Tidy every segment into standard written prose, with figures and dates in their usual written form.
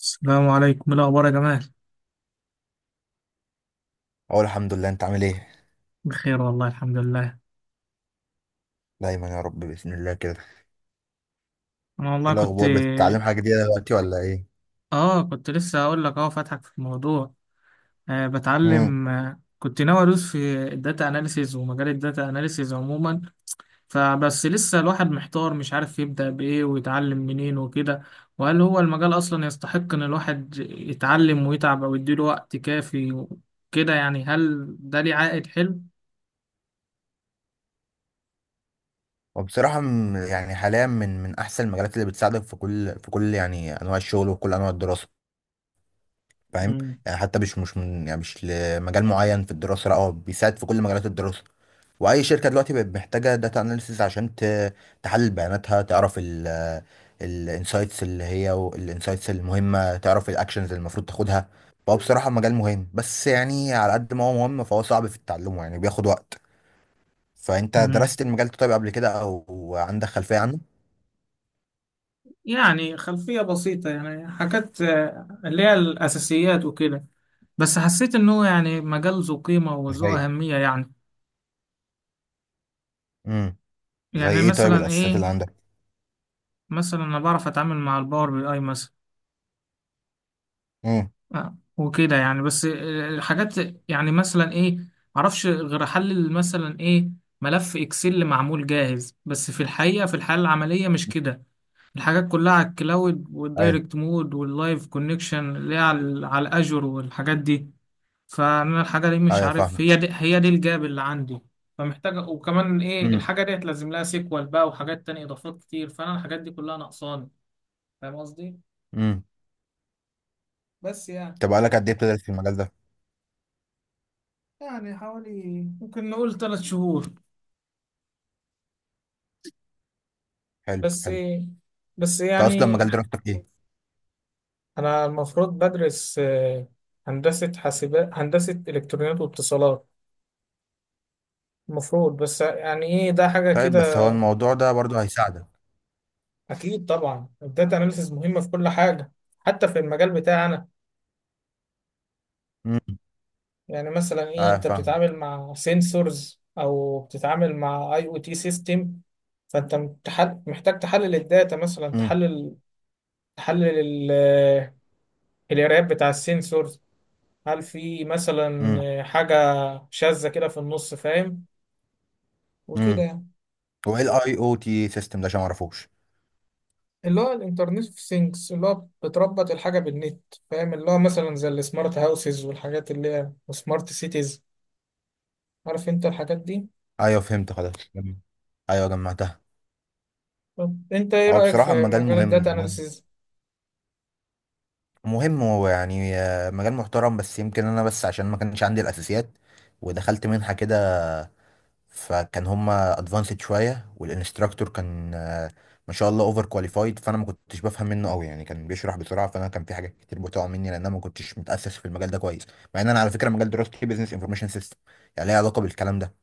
السلام عليكم، إيه الاخبار يا جمال؟ اقول الحمد لله، انت عامل ايه؟ بخير والله الحمد لله. دايما يا رب باذن الله كده. انا ايه والله كنت الاخبار؟ بتتعلم حاجه جديده دلوقتي ولا ايه؟ اه كنت لسه هقول لك، فاتحك في الموضوع. آه، امم بتعلم. كنت ناوي ادوس في الداتا اناليسيز، ومجال الداتا اناليسيز عموما. فبس لسه الواحد محتار، مش عارف يبدأ بايه ويتعلم منين وكده. وهل هو المجال اصلا يستحق ان الواحد يتعلم ويتعب او يديله وقت كافي وكده؟ يعني هل ده ليه عائد حلو؟ وبصراحه يعني حاليا من احسن المجالات اللي بتساعدك في كل يعني انواع الشغل وكل انواع الدراسه. فاهم؟ مم. يعني حتى مش من، يعني مش لمجال معين في الدراسه، لا هو بيساعد في كل مجالات الدراسه. واي شركه دلوقتي بقت محتاجه داتا اناليسيز عشان تحلل بياناتها، تعرف الانسايتس، اللي هي الانسايتس المهمه، تعرف الاكشنز اللي المفروض تاخدها. فهو بصراحه مجال مهم، بس يعني على قد ما هو مهم فهو صعب في تعلمه، يعني بياخد وقت. فانت مم. درست المجال ده طيب قبل كده او عندك خلفيه عنه؟ يعني خلفية بسيطة، يعني حاجات اللي هي الأساسيات وكده. بس حسيت إن هو يعني مجال ذو قيمة وذو زي، أهمية يعني. امم، زي يعني ايه طيب مثلا الاساسيات إيه؟ اللي عندك؟ مثلا أنا بعرف أتعامل مع الباور بي أي مثلا. امم. وكده يعني، بس الحاجات. يعني مثلا إيه؟ معرفش غير أحلل مثلا إيه؟ ملف إكسل معمول جاهز، بس في الحقيقة في الحالة العملية مش كده. الحاجات كلها على الكلاود ايوه. والدايركت مود واللايف كونكشن، اللي هي على الأجر والحاجات دي. فانا الحاجه دي مش ايوه عارف، فاهم. هي دي الجاب اللي عندي. فمحتاجه، وكمان ايه، الحاجه دي هتلازم لها سيكوال بقى وحاجات تانية اضافات كتير، فانا الحاجات دي كلها ناقصاني. فاهم قصدي؟ امم. بس يعني. طب بقالك قد ايه بتدرس في المجال ده؟ يعني حوالي، ممكن نقول 3 شهور. حلو بس. حلو. بس انت اصلا يعني. مجال دراستك ايه؟ انا المفروض بدرس هندسه حاسبات، هندسه الكترونيات واتصالات، المفروض، بس يعني ايه ده حاجه طيب كده. بس هو الموضوع ده برضو هيساعدك. اكيد طبعا، الداتا اناليسيز مهمه في كل حاجه. حتى في المجال بتاعي أنا. امم. يعني مثلا ايه، اه انت فاهمك. بتتعامل مع سنسورز او بتتعامل مع IoT سيستم. فانت محتاج تحلل الداتا، مثلا امم. تحلل ال- القرايات بتاع السنسورز. هل في امم. مثلا حاجة شاذة كده في النص؟ فاهم؟ وكده امم. يعني. هو ايه الاي او تي سيستم ده، عشان ما اعرفوش؟ اللي هو الانترنت اوف ثينجز، اللي هو بتربط الحاجة بالنت. فاهم؟ اللي هو مثلا زي السمارت هاوسز والحاجات اللي هي سمارت سيتيز. عارف انت الحاجات دي؟ ايوه فهمت، خلاص جميل. ايوه جمعتها. طب انت ايه هو رأيك بصراحه في المجال مجال الداتا مهم مهم اناليسيز؟ مهم. هو يعني مجال محترم، بس يمكن انا بس عشان ما كانش عندي الاساسيات، ودخلت منحه كده، فكان هما ادفانسد شويه، والانستراكتور كان ما شاء الله اوفر كواليفايد، فانا ما كنتش بفهم منه قوي، يعني كان بيشرح بسرعه، فانا كان في حاجات كتير بتقع مني لان انا ما كنتش متاسس في المجال ده كويس. مع ان انا على فكره مجال دراستي بزنس انفورميشن سيستم، يعني ليه علاقه بالكلام ده،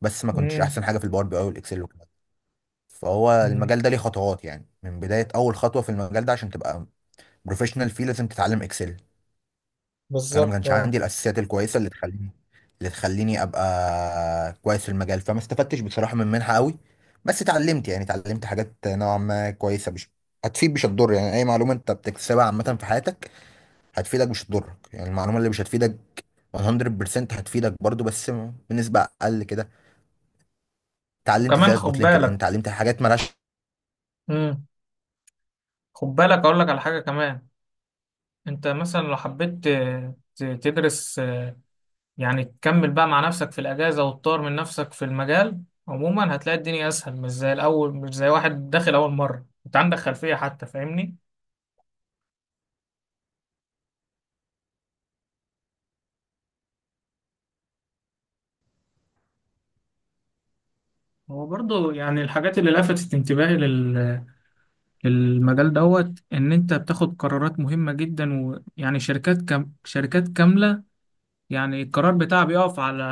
بس ما كنتش احسن حاجه في الباور بي اي والاكسل والكلام ده. فهو المجال ده ليه خطوات، يعني من بدايه اول خطوه في المجال ده عشان تبقى بروفيشنال فيه لازم تتعلم اكسل. فانا ما بالظبط كانش اه. عندي الاساسيات الكويسه اللي تخليني ابقى كويس في المجال، فما استفدتش بصراحه من منحه قوي. بس اتعلمت، يعني اتعلمت حاجات نوعا ما كويسه، مش هتفيد مش هتضر، يعني اي معلومه انت بتكتسبها عامه في حياتك هتفيدك مش هتضرك، يعني المعلومه اللي مش هتفيدك 100% هتفيدك برضو، بس بنسبه اقل كده. اتعلمت وكمان ازاي خد اظبط لينكد ان، بالك. اتعلمت حاجات مالهاش. امم خد بالك اقول لك على حاجه كمان. انت مثلا لو حبيت تدرس يعني تكمل بقى مع نفسك في الاجازه وتطور من نفسك في المجال. عموما هتلاقي الدنيا اسهل، مش زي الاول، مش زي واحد داخل اول مره، انت عندك خلفيه حتى. فاهمني؟ هو برضو يعني الحاجات اللي لفتت انتباهي للمجال، دوت ان انت بتاخد قرارات مهمه جدا. ويعني شركات شركات كامله، يعني القرار بتاعها بيقف على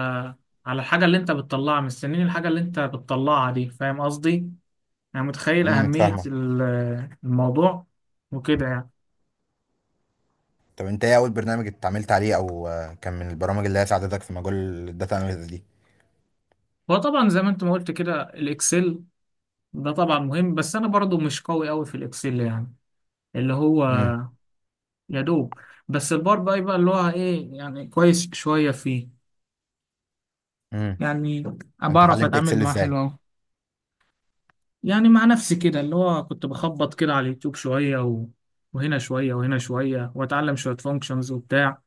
على الحاجة اللي انت بتطلعها، مستنين الحاجة اللي انت بتطلعها دي، فاهم قصدي؟ يعني متخيل أهمية فاهمك. الموضوع. وكده يعني. طب انت ايه اول برنامج اتعاملت عليه، او كان من البرامج اللي هي ساعدتك في مجال الداتا اناليسيس دي؟ هو طبعا زي ما انت ما قلت كده الإكسل، ده طبعا مهم، بس أنا برضو مش قوي قوي في الإكسل يعني. اللي هو، امم. يا دوب، بس البار بقى يبقى اللي هو ايه، يعني كويس شوية فيه. امم. يعني، انت بعرف اتعلمت أتعامل اكسل معاه ازاي؟ حلو أوي. يعني مع نفسي كده اللي هو كنت بخبط كده على اليوتيوب شوية وهنا شوية وهنا شوية، واتعلم شوية فانكشنز وبتاع.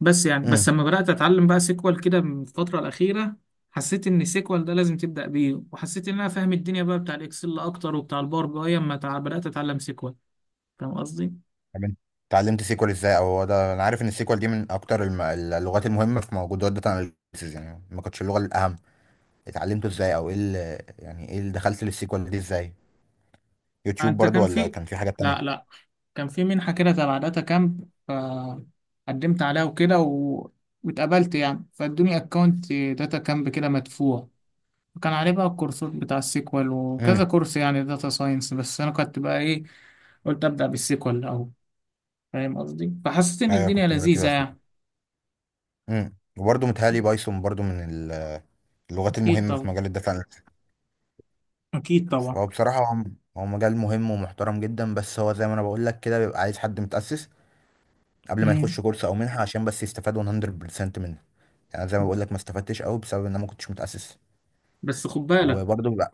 بس يعني، بس امم. لما بدأت اتعلم بقى سيكوال كده من الفترة الأخيرة، حسيت ان سيكوال ده لازم تبدأ بيه، وحسيت ان انا فاهم الدنيا بقى بتاع الاكسل اكتر وبتاع الباور بي اي اما بدأت اتعلم سيكوال. فاهم قصدي؟ طب انت اتعلمت سيكوال ازاي؟ او هو ده انا عارف ان السيكوال دي من اكتر اللغات المهمه في موجودات داتا اناليسيز، يعني ما كانتش اللغه الاهم. اتعلمته ازاي، او ايه يعني ايه اللي دخلت للسيكوال دي ازاي؟ يوتيوب انت برضو كان ولا في، كان في حاجات لا تانية؟ لا، كان في منحة كده تبع داتا كامب، فقدمت عليها وكده واتقبلت يعني، فادوني اكونت داتا كامب كده مدفوع. كان عليه بقى الكورسات بتاع السيكوال وكذا امم. كورس يعني داتا ساينس، بس انا كنت بقى ايه، قلت ابدا بالسيكوال الاول. فاهم قصدي؟ فحسيت ان ايوه الدنيا كنت مركز على لذيذه السيكوال. يعني. امم، وبرضه متهيألي بايثون برضو من اللغات اكيد المهمه في طبعا. مجال الداتا اناليسيز. اكيد طبعا. فهو بصراحه هو مجال مهم ومحترم جدا، بس هو زي ما انا بقول لك كده بيبقى عايز حد متأسس قبل ما مم. يخش كورس او منحه عشان بس يستفاد 100% منه. يعني زي ما بقول لك ما استفدتش قوي بسبب ان انا ما كنتش متأسس. بس خد بالك وبرضه لا.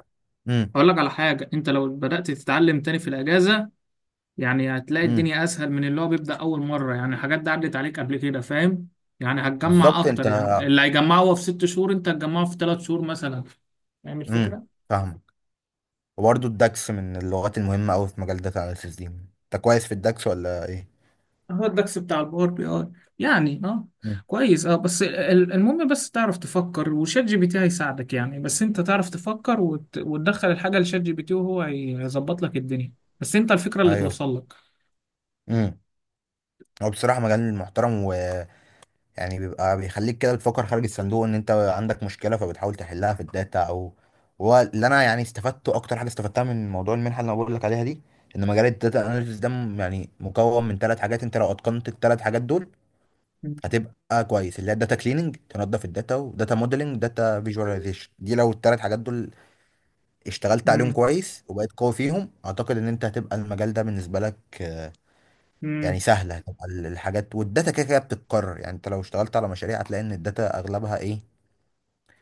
امم. اقول لك على حاجه، انت لو بدات تتعلم تاني في الاجازه، يعني هتلاقي امم. الدنيا اسهل من اللي هو بيبدا اول مره، يعني الحاجات دي عدت عليك قبل كده، فاهم؟ يعني هتجمع بالظبط انت. اكتر، يعني اللي هيجمعه هو في 6 شهور، انت هتجمعه في 3 شهور مثلا. فاهم امم الفكره؟ فاهمك. وبرضه الدكس من اللغات المهمة قوي في مجال داتا اناليسيس دي، انت كويس في الدكس ولا ايه؟ هو الدكس بتاع الباور بي اي، يعني اه، مم. كويس اه، بس المهم بس تعرف تفكر، وشات جي بي تي هيساعدك يعني، بس انت تعرف تفكر وتدخل الحاجة لشات جي بي تي وهو هيظبط لك الدنيا. بس انت الفكرة اللي ايوه. توصل لك. امم. هو بصراحة مجال محترم، ويعني بيبقى بيخليك كده بتفكر خارج الصندوق، ان انت عندك مشكلة فبتحاول تحلها في الداتا. او هو اللي انا يعني استفدته اكتر حاجة استفدتها من موضوع المنحة اللي انا بقول لك عليها دي، ان مجال الداتا اناليسيس ده يعني مكون من ثلاث حاجات، انت لو اتقنت الثلاث حاجات دول هتبقى كويس، اللي هي الداتا كليننج تنظف الداتا، وداتا موديلنج، داتا فيجواليزيشن. دي لو الثلاث حاجات دول اشتغلت عليهم امم. كويس وبقيت قوي فيهم، اعتقد ان انت هتبقى المجال ده بالنسبه لك يعني امم. سهله. هتبقى الحاجات والداتا كده كده بتتكرر، يعني انت لو اشتغلت على مشاريع هتلاقي ان الداتا اغلبها ايه،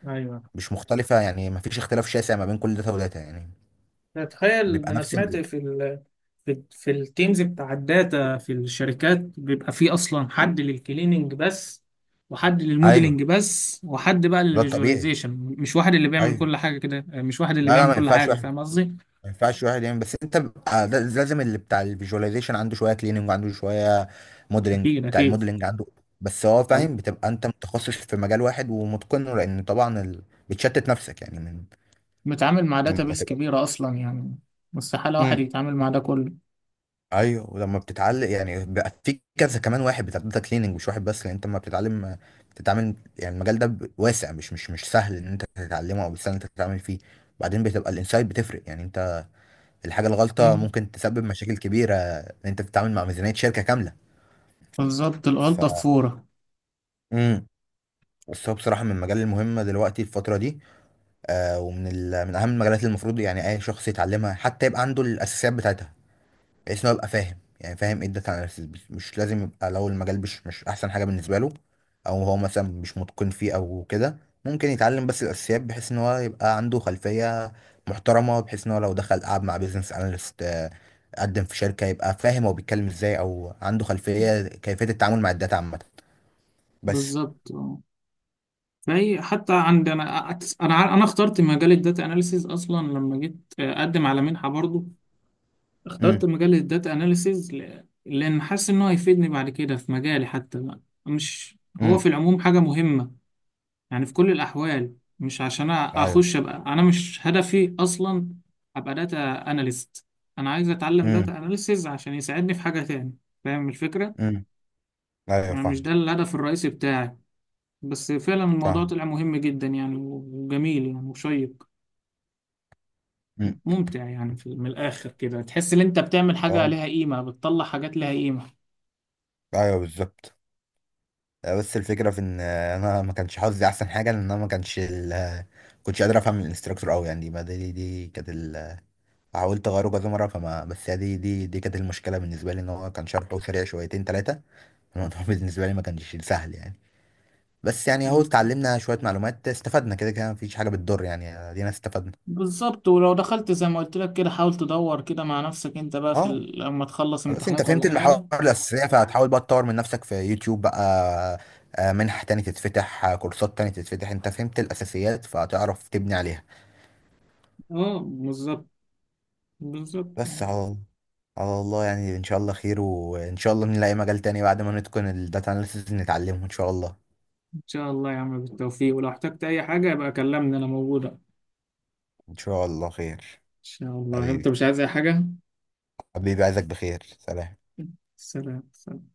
ايوه. مش مختلفه، يعني ما فيش اختلاف شاسع ما بين كل داتا وداتا، يعني تخيل بيبقى ده انا نفس سمعت في التيمز بتاع الداتا في الشركات بيبقى فيه اصلا حد للكليننج بس، وحد ايوه، للموديلنج بس، وحد بقى ده الطبيعي. للفيجواليزيشن، مش واحد اللي بيعمل ايوه. كل حاجه كده، مش واحد اللي لا لا بيعمل ما كل ينفعش حاجه، واحد، فاهم قصدي؟ ما ينفعش واحد يعمل. بس انت بقى لازم اللي بتاع الفيجواليزيشن عنده شويه كليننج، وعنده شويه موديلنج، اكيد بتاع اكيد. الموديلنج عنده. بس هو فاهم، لو بتبقى انت متخصص في مجال واحد ومتقنه، لان طبعا بتشتت نفسك يعني من، متعامل مع لما داتابيس تبقى. كبيره اصلا يعني، مستحيل واحد امم. يتعامل مع ده كله. ايوه، ولما بتتعلم يعني بقى في كذا، كمان واحد بتاع داتا كليننج مش واحد بس، لان انت لما بتتعلم بتتعامل، يعني المجال ده واسع، مش سهل ان انت تتعلمه، او سهل ان انت تتعامل فيه. وبعدين بتبقى الانسايت بتفرق، يعني الحاجة الغلطة مم. ممكن تسبب مشاكل كبيرة، ان انت بتتعامل مع ميزانية شركة كاملة. بالظبط، ف الغلطه في فوره. امم. بس هو بصراحة من المجال المهمة دلوقتي الفترة دي. آه، ومن من أهم المجالات اللي المفروض يعني أي شخص يتعلمها، حتى يبقى عنده الأساسيات بتاعتها، بحيث ان هو يبقى فاهم، يعني فاهم ايه الداتا اناليسيس. مش مش لازم يبقى، لو المجال مش احسن حاجه بالنسبه له، او هو مثلا مش متقن فيه او كده، ممكن يتعلم بس الاساسيات، بحيث ان هو يبقى عنده خلفيه محترمه، بحيث ان هو لو دخل قعد مع بيزنس اناليست، قدم في شركه، يبقى فاهم هو بيتكلم ازاي، او عنده خلفيه كيفيه التعامل مع الداتا عامه. بس. بالظبط، فهي حتى عند انا، انا اخترت مجال الداتا اناليسيز اصلا لما جيت اقدم على منحه برضو. اخترت امم. مجال الداتا اناليسيز، لان حاسس ان هو هيفيدني بعد كده في مجالي حتى بقى. مش. هو في امم. العموم حاجه مهمه، يعني في كل الاحوال، مش عشان ايوه. اخش ابقى، انا مش هدفي اصلا ابقى داتا اناليست. انا عايز اتعلم امم. داتا اناليسيز عشان يساعدني في حاجه تاني. فاهم الفكره؟ امم. ايوه يعني مش فاهم. ده الهدف الرئيسي بتاعي. بس فعلا الموضوع فاهم. طلع مهم جدا يعني، وجميل يعني، وشيق، امم. ممتع يعني، في من الآخر كده تحس إن أنت بتعمل حاجة اه لها قيمة، بتطلع حاجات لها قيمة. ايوه بالظبط. بس الفكرة في ان، انا ما كانش حظي احسن حاجة، لان انا ما كانش كنتش قادر افهم الانستراكتور قوي، يعني ما دي كانت حاولت اغيره كذا مرة فما، بس هي دي كانت المشكلة بالنسبة لي، ان هو كان شرحه سريع شويتين ثلاثة. الموضوع بالنسبة لي ما كانش سهل يعني. بس يعني اهو مم. اتعلمنا شوية معلومات، استفدنا كده كده، مفيش حاجة بتضر يعني، ادينا استفدنا. بالظبط، ولو دخلت زي ما قلت لك كده، حاول تدور كده مع نفسك أنت بقى اه. لما تخلص خلاص انت امتحانات ولا فهمت المحاور حاجة. الأساسية، فهتحاول بقى تطور من نفسك في يوتيوب بقى، منح تاني تتفتح، كورسات تاني تتفتح، انت فهمت الأساسيات فهتعرف تبني عليها. أه، بالظبط. بالظبط. بس على الله، يعني ان شاء الله خير، وان شاء الله نلاقي مجال تاني بعد ما نتقن الداتا اناليسيز نتعلمه ان شاء الله. إن شاء الله يا عم، بالتوفيق، ولو احتجت أي حاجة يبقى كلمني، أنا موجودة إن ان شاء الله خير. شاء الله. أنت حبيبي، مش عايز أي حاجة؟ حبيبي عايزك بخير، سلام. سلام، سلام.